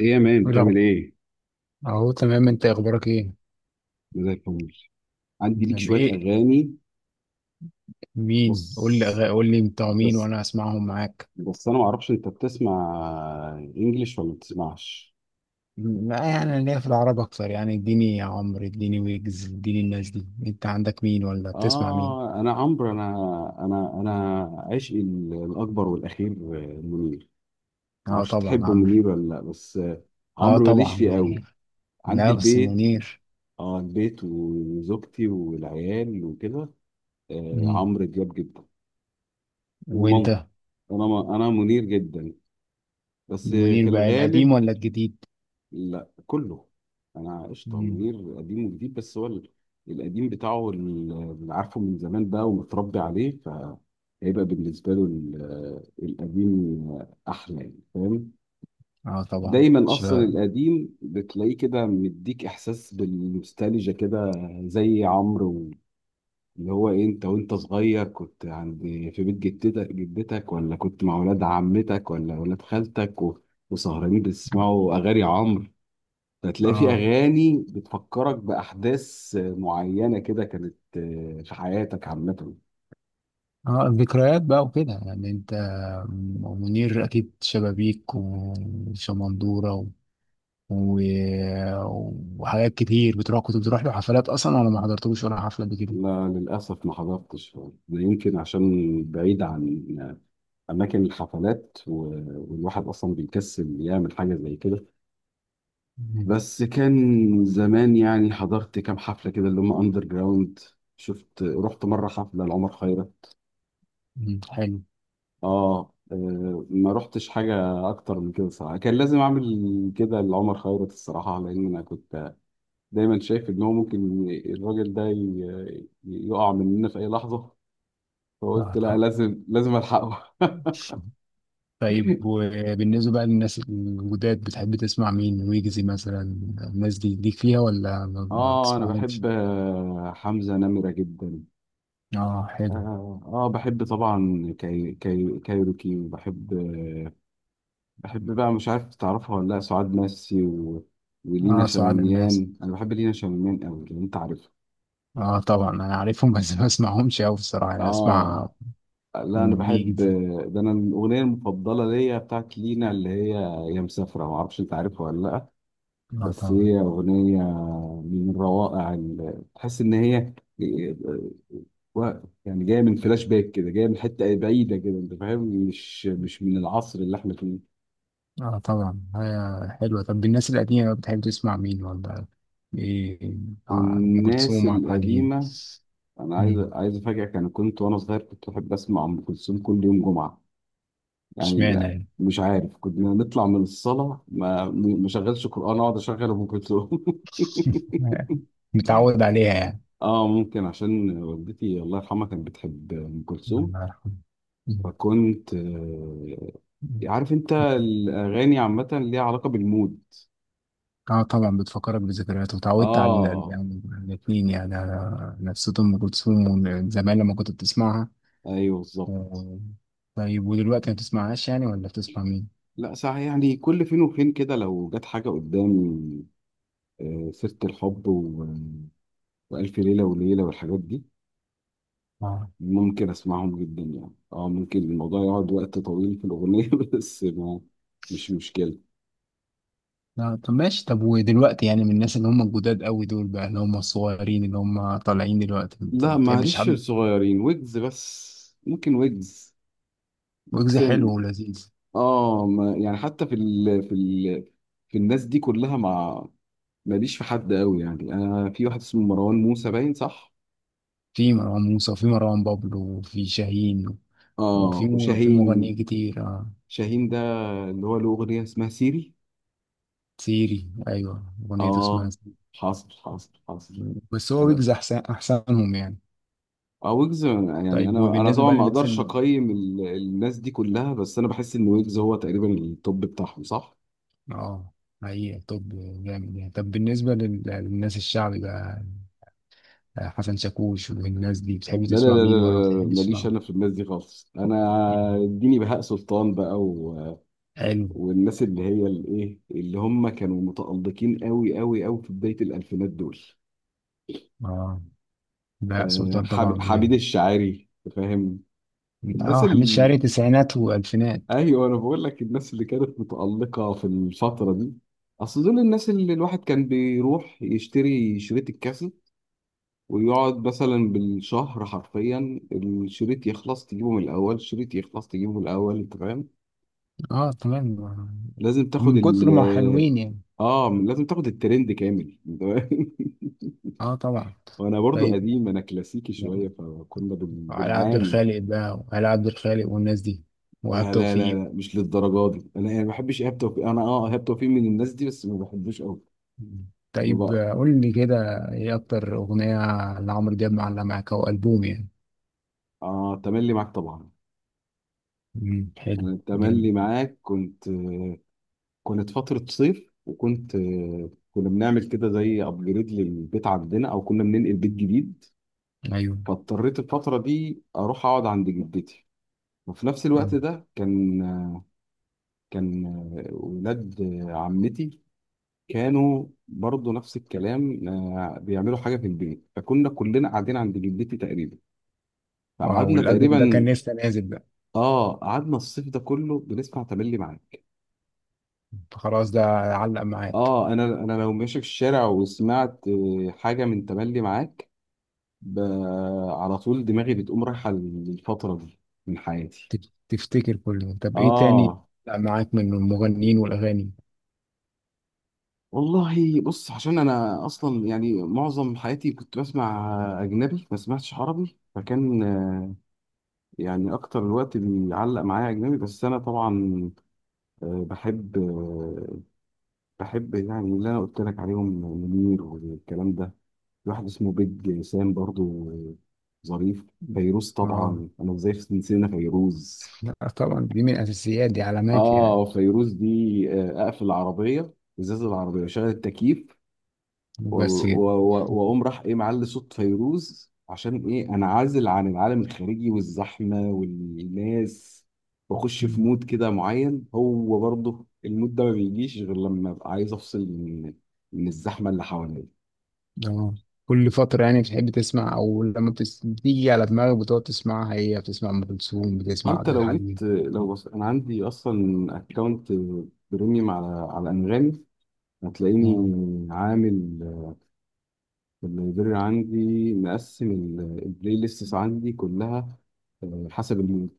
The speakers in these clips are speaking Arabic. ايه يا مان إيه بتعمل الأخب- ايه؟ اهو تمام، انت اخبارك ايه؟ أنا زي الفل. عندي ليك تمام، شوية ايه؟ أغاني. مين؟ بص. قول لي بتوع مين بس وانا اسمعهم معاك. بس أنا معرفش أنت بتسمع إنجليش ولا ما بتسمعش. يعني انا ليا في العرب اكتر، يعني اديني يا عمرو، اديني ويجز، اديني الناس دي. انت عندك مين ولا بتسمع مين؟ آه، أنا عمرو. أنا عشقي الأكبر والأخير منير. اه معرفش طبعا تحب عمرو. منير ولا لأ، بس اه عمرو ماليش طبعا فيه قوي. منير. عندي لا، بس البيت. منير. آه، البيت وزوجتي والعيال وكده. آه، مم. عمرو دياب جدا، وانت؟ ومامتي. أنا منير جدا، بس منير في بقى القديم الغالب. ولا الجديد؟ لا، كله. انا عشت على مم. منير قديم وجديد، بس هو القديم بتاعه هو اللي عارفه من زمان بقى ومتربي عليه، فهيبقى بالنسبه له القديم احلى، يعني فاهم؟ اه طبعا. دايما اصلا القديم بتلاقيه كده مديك احساس بالنوستالجيا كده، زي عمرو. اللي هو إيه، انت وانت صغير كنت عند، في بيت جدتك جدتك، ولا كنت مع ولاد عمتك ولا ولاد خالتك، و- وسهرانين بتسمعوا اغاني عمرو. هتلاقي في اه، اغاني بتفكرك باحداث معينه كده كانت في حياتك عامه. اه الذكريات بقى وكده، يعني انت. منير اكيد، شبابيك وشمندورة و... وحاجات كتير بتروح. كنت بتروح له حفلات اصلا، ولا ما حضرتلوش ولا حفلة قبل كده؟ لا، للاسف ما حضرتش. ده يمكن عشان بعيد عن اماكن الحفلات، و- والواحد اصلا بيكسل يعمل حاجه زي كده. مم. بس كان زمان يعني حضرت كام حفله كده اللي هم اندر جراوند. شفت، رحت مره حفله لعمر خيرت. مم. حلو. اه، ما رحتش حاجه اكتر من كده صراحه. كان لازم اعمل كده لعمر خيرت الصراحه، لان انا كنت دايما شايف ان هو ممكن ي- الراجل ده ي- ي- يقع مننا في اي لحظه، آه، فقلت لا، طب. لازم الحقه. طيب، وبالنسبة بقى للناس الجداد، بتحب تسمع مين؟ ويجزي مثلا، الناس دي ليك فيها، ولا ما اه انا بتسمعهمش؟ بحب حمزه نمره جدا. اه حلو. اه، بحب طبعا كايروكي، وبحب، بقى مش عارف تعرفها ولا لا، سعاد مسي و... ولينا اه سعاد الناس. شماميان، انا بحب لينا شماميان قوي لو انت عارفها. اه طبعا انا عارفهم بس ما اسمعهمش قوي بصراحة، يعني اسمع اه. لا انا بحب، ويجز. ده انا الاغنيه المفضله ليا بتاعت لينا اللي هي يا مسافره، ما اعرفش انت عارفها ولا لا. اه بس طبعا. هي أغنية من الروائع تحس إن هي و- يعني جاية من فلاش باك كده، جاية من حتة بعيدة كده، أنت فاهم. مش من العصر اللي إحنا فيه. اه طبعا، هي حلوة. طب الناس القديمة بتحب تسمع مين ولا ايه؟ ام الناس كلثوم، عبد الحليم؟ القديمة، أنا مم. عايز أفاجئك، أنا كنت وأنا صغير كنت أحب أسمع أم كلثوم كل يوم جمعة. يعني اشمعنى لا، يعني؟ مش عارف، كنا نطلع من الصلاة ما شغلش قرآن، أقعد أشغل أم كلثوم. متعود عليها يعني. اه ممكن عشان والدتي الله يرحمها كانت بتحب ام كلثوم. الله يرحمه. مم. فكنت مم. عارف انت الاغاني عامه ليها علاقه بالمود. اه طبعا، بتفكرك بذكريات، وتعودت على اه يعني الاثنين، يعني على نفسية ام كلثوم، وإن زمان لما كنت بتسمعها. ايوه بالظبط. و- طيب، ودلوقتي ما بتسمعهاش يعني، ولا بتسمع مين؟ لا صح، يعني كل فين وفين كده لو جت حاجه قدامي، سيره الحب و... والف ليله وليله والحاجات دي ممكن اسمعهم جدا. يعني اه ممكن الموضوع يقعد وقت طويل في الاغنيه، بس ما مش مشكله. آه، طب ماشي. طب ودلوقتي، يعني من الناس اللي هم الجداد قوي دول بقى، اللي هم الصغيرين اللي هم طالعين دلوقتي، ما لا، بتحبش معلش، في حد؟ الصغيرين ويجز، بس ممكن ويجز. ويجز حلو ممكن ولذيذ. اه، ما يعني حتى في ال... في ال... في الناس دي كلها ما ماليش في حد قوي يعني. انا في واحد اسمه مروان موسى باين، صح. في مروان موسى، وفي مروان بابلو، وفي شاهين، اه في وشاهين. مغنيين كتير، آه. شاهين ده اللي هو له اغنيه اسمها سيري. سيري، ايوه اغنيته اه، اسمها سيري. حاصل حاصل حاصل. بس هو انا ويجز احسنهم يعني. اه، ويجز يعني طيب، انا انا وبالنسبه طبعا بقى ما للناس اقدرش اقيم الناس دي كلها، بس انا بحس ان ويجز هو تقريبا التوب بتاعهم، صح. اه. هي طب، جامد يعني. طب بالنسبه للناس الشعبي بقى، آه، حسن شاكوش والناس دي، بتحب لا لا تسمع لا لا مين ولا ما لا لا، بتحبش ماليش تسمعه؟ انا في الناس دي خالص. انا مم. اديني بهاء سلطان بقى و... حلو. والناس اللي هي الايه اللي هم كانوا متألقين قوي قوي قوي في بداية الالفينات دول. اه بهاء سلطان حب- طبعا حميد يعني. الشاعري، فاهم. الناس اه حميد اللي، شاعري، تسعينات والفينات. ايوه انا بقول لك الناس اللي كانت متألقة في الفترة دي. اصل دول الناس اللي الواحد كان بيروح يشتري شريط الكاسيت ويقعد مثلا بالشهر حرفيا، الشريط يخلص تجيبه من الاول، الشريط يخلص تجيبه من الاول، انت فاهم. اه تمام. لازم تاخد من ال، كتر ما حلوين يعني. اه لازم تاخد الترند كامل أنت فاهم؟ اه طبعا. وانا برضو طيب، قديم، انا كلاسيكي شوية، فكنا بن- على عبد بنعاني. الخالق بقى، وعلى عبد الخالق والناس دي، وهاب لا لا لا توفيق. لا مش للدرجه دي. انا يعني ما بحبش ايهاب توفيق. انا اه ايهاب توفيق من الناس دي، بس ما بحبوش قوي طيب، بقى. آه، قول لي كده، ايه اكتر اغنية لعمرو دياب معلقة معاك، او البوم يعني؟ اه تملي معاك طبعا. مم، حلو. أنا جامد. التملي معاك كنت، كانت فتره صيف وكنت، كنا بنعمل كده زي ابجريد للبيت عندنا، او كنا بننقل بيت جديد، ايوه. فاضطريت الفتره دي اروح اقعد عند جدتي. وفي نفس الوقت مم. ده كان، كان ولاد عمتي كانوا برضه نفس الكلام، بيعملوا حاجه في البيت، فكنا كلنا قاعدين عند جدتي تقريبا. اه، فقعدنا والالبوم ده تقريبا، كان لسه نازل بقى؟ اه قعدنا الصيف ده كله بنسمع تملي معاك. فخلاص ده علق معاك. اه انا لو ماشي في الشارع وسمعت حاجه من تملي معاك، ب... على طول دماغي بتقوم رايحه للفتره دي من حياتي. تفتكر كله؟ طب ايه تاني؟ اه لا معاك من المغنيين والاغاني؟ والله بص، عشان انا اصلا يعني معظم حياتي كنت بسمع اجنبي ما سمعتش عربي، فكان يعني اكتر الوقت بيعلق معايا اجنبي. بس انا طبعا بحب بحب يعني اللي انا قلت لك عليهم، منير والكلام ده. في واحد اسمه بيج سام برضو، ظريف. فيروز اه. طبعا، انا ازاي نسينا فيروز. لا طبعا، دي من الاساسيات، دي علامات اه، يعني. فيروز دي اقفل العربيه، ازاز العربيه وشغل التكييف، و- بس كده. و- و- واقوم راح ايه معلي صوت فيروز، عشان ايه انعزل عن العالم الخارجي والزحمه والناس، واخش في مم. مود كده معين. هو برضه المود ده ما بيجيش غير لما ابقى عايز افصل من من الزحمه اللي حواليا. اه، كل فترة يعني بتحب تسمع؟ او لما بتيجي على دماغك بتقعد تسمعها، هي بتسمع ام كلثوم، بتسمع انت عبد لو الحليم؟ جيت، لو بص انا عندي اصلا اكونت بريميوم على على انغامي، هتلاقيني اه. عامل اللايبرري عندي مقسم البلاي ليستس عندي كلها حسب المود.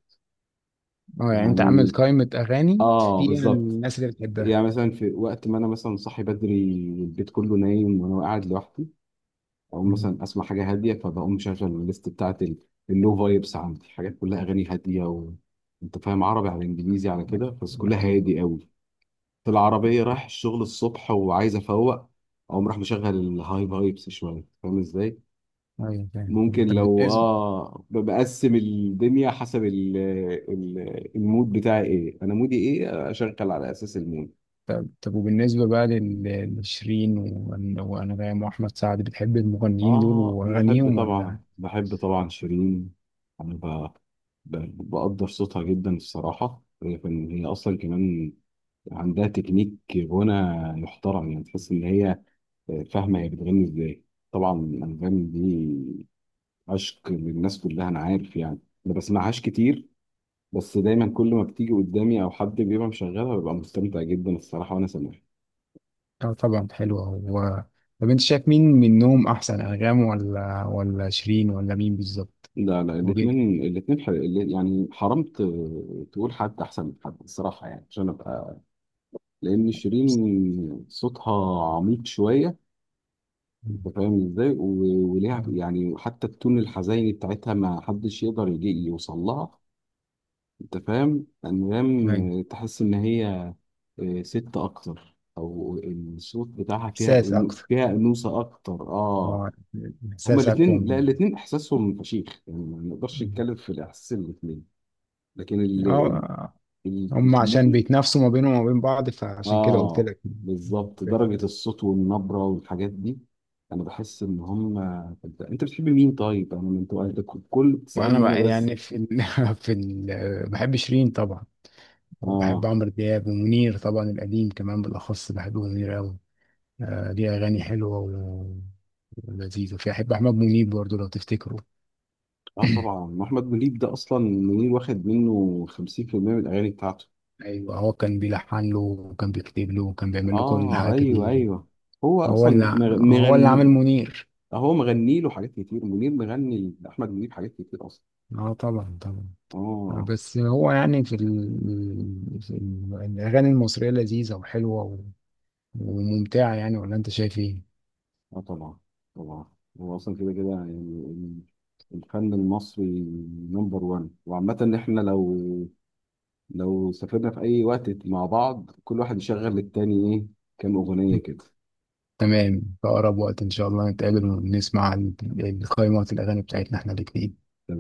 اه، يعني انت عامل يعني قائمة اغاني اه فيها بالظبط. الناس اللي بتحبها؟ يعني مثلا في وقت ما انا مثلا صاحي بدري والبيت كله نايم وانا قاعد لوحدي، او مم. مثلا اسمع حاجه هاديه، فبقوم مشغل الليست بتاعت اللو فايبس، عندي حاجات كلها اغاني هاديه و... انت فاهم عربي على انجليزي على كده، بس كلها ايوه. هادي قوي. في العربيه رايح الشغل الصبح وعايز افوق، اقوم راح مشغل الهاي فايبس شويه، فاهم ازاي. ايوه فاهم فاهم. ممكن لو اه ب- بقسم الدنيا حسب ال المود بتاعي ايه، انا مودي ايه، اشغل على اساس المود. طب وبالنسبة بقى لشيرين وأنغام وأحمد سعد، بتحب المغنيين دول آه أنا أحب وأغانيهم ولا؟ طبعا، بحب طبعا شيرين. أنا ب... ب... بقدر صوتها جدا الصراحة. هي فن- هي أصلا كمان عندها تكنيك غنى يحترم. يعني تحس إن هي فاهمة هي بتغني إزاي. طبعا الأنغام دي عشق للناس كلها، أنا عارف يعني. ما بسمعهاش كتير، بس دايما كل ما بتيجي قدامي أو حد بيبقى مشغلها ببقى مستمتع جدا الصراحة وأنا سامعها. آه طبعا، حلوة هو. طب، أنت شايف مين منهم أحسن؟ أنغام ولا شيرين، ولا مين بالظبط؟ لا لا، وجد. الاثنين ح... يعني حرام ت... تقول حد احسن من حد الصراحه، يعني عشان ابقى، لان شيرين صوتها عميق شويه، انت مم. فاهم ازاي، و... وليها آه. يعني حتى التون الحزيني بتاعتها ما حدش يقدر يجي يوصل لها. انت فاهم أيوة. انغام تحس ان هي ست اكتر، او الصوت بتاعها فيها، إحساس أكتر. فيها انوثه اكتر، اه. آه، هما إحساس أقوى الاثنين، لا من. الاثنين احساسهم فشيخ يعني، ما نقدرش مم. نتكلم في الاحساس الاثنين. لكن آه، هم عشان التكنيك، بيتنافسوا ما بينهم وما بين بعض، فعشان كده قلت اه لك. بالظبط مم. درجة الصوت والنبرة والحاجات دي، انا بحس ان هم، انت بتحب مين طيب؟ انا انت كل وانا بتسألني انا بقى بس. يعني في في بحب شيرين طبعا، وبحب اه، عمرو دياب ومنير، طبعا القديم كمان، بالأخص بحب منير أوي. آه، ليه أغاني حلوة ولذيذة. وفي أحب أحمد منيب برضه لو تفتكروا. اه طبعا احمد منيب ده اصلا منير واخد منه 50% من الاغاني بتاعته. أيوة، هو كان بيلحن له، وكان بيكتب له، وكان بيعمل له كل اه حاجة ايوه كتير. ايوه. هو هو اصلا اللي مغ- هو اللي عامل مغني، منير. هو مغني له حاجات كتير، منير مغني لاحمد منيب حاجات كتير اصلا. اه طبعا طبعا. آه، اه. بس هو يعني الأغاني المصرية لذيذة وحلوة وممتعة يعني، ولا أنت شايف إيه؟ اه طبعا طبعا. هو اصلا كده كده يعني الفن المصري نمبر وان. وعامة ان احنا لو لو سافرنا في اي وقت مع بعض كل واحد يشغل للتاني ايه كام اغنية كده. تمام، في أقرب وقت إن شاء الله نتقابل ونسمع القائمة الأغاني بتاعتنا إحنا الاتنين. تمام.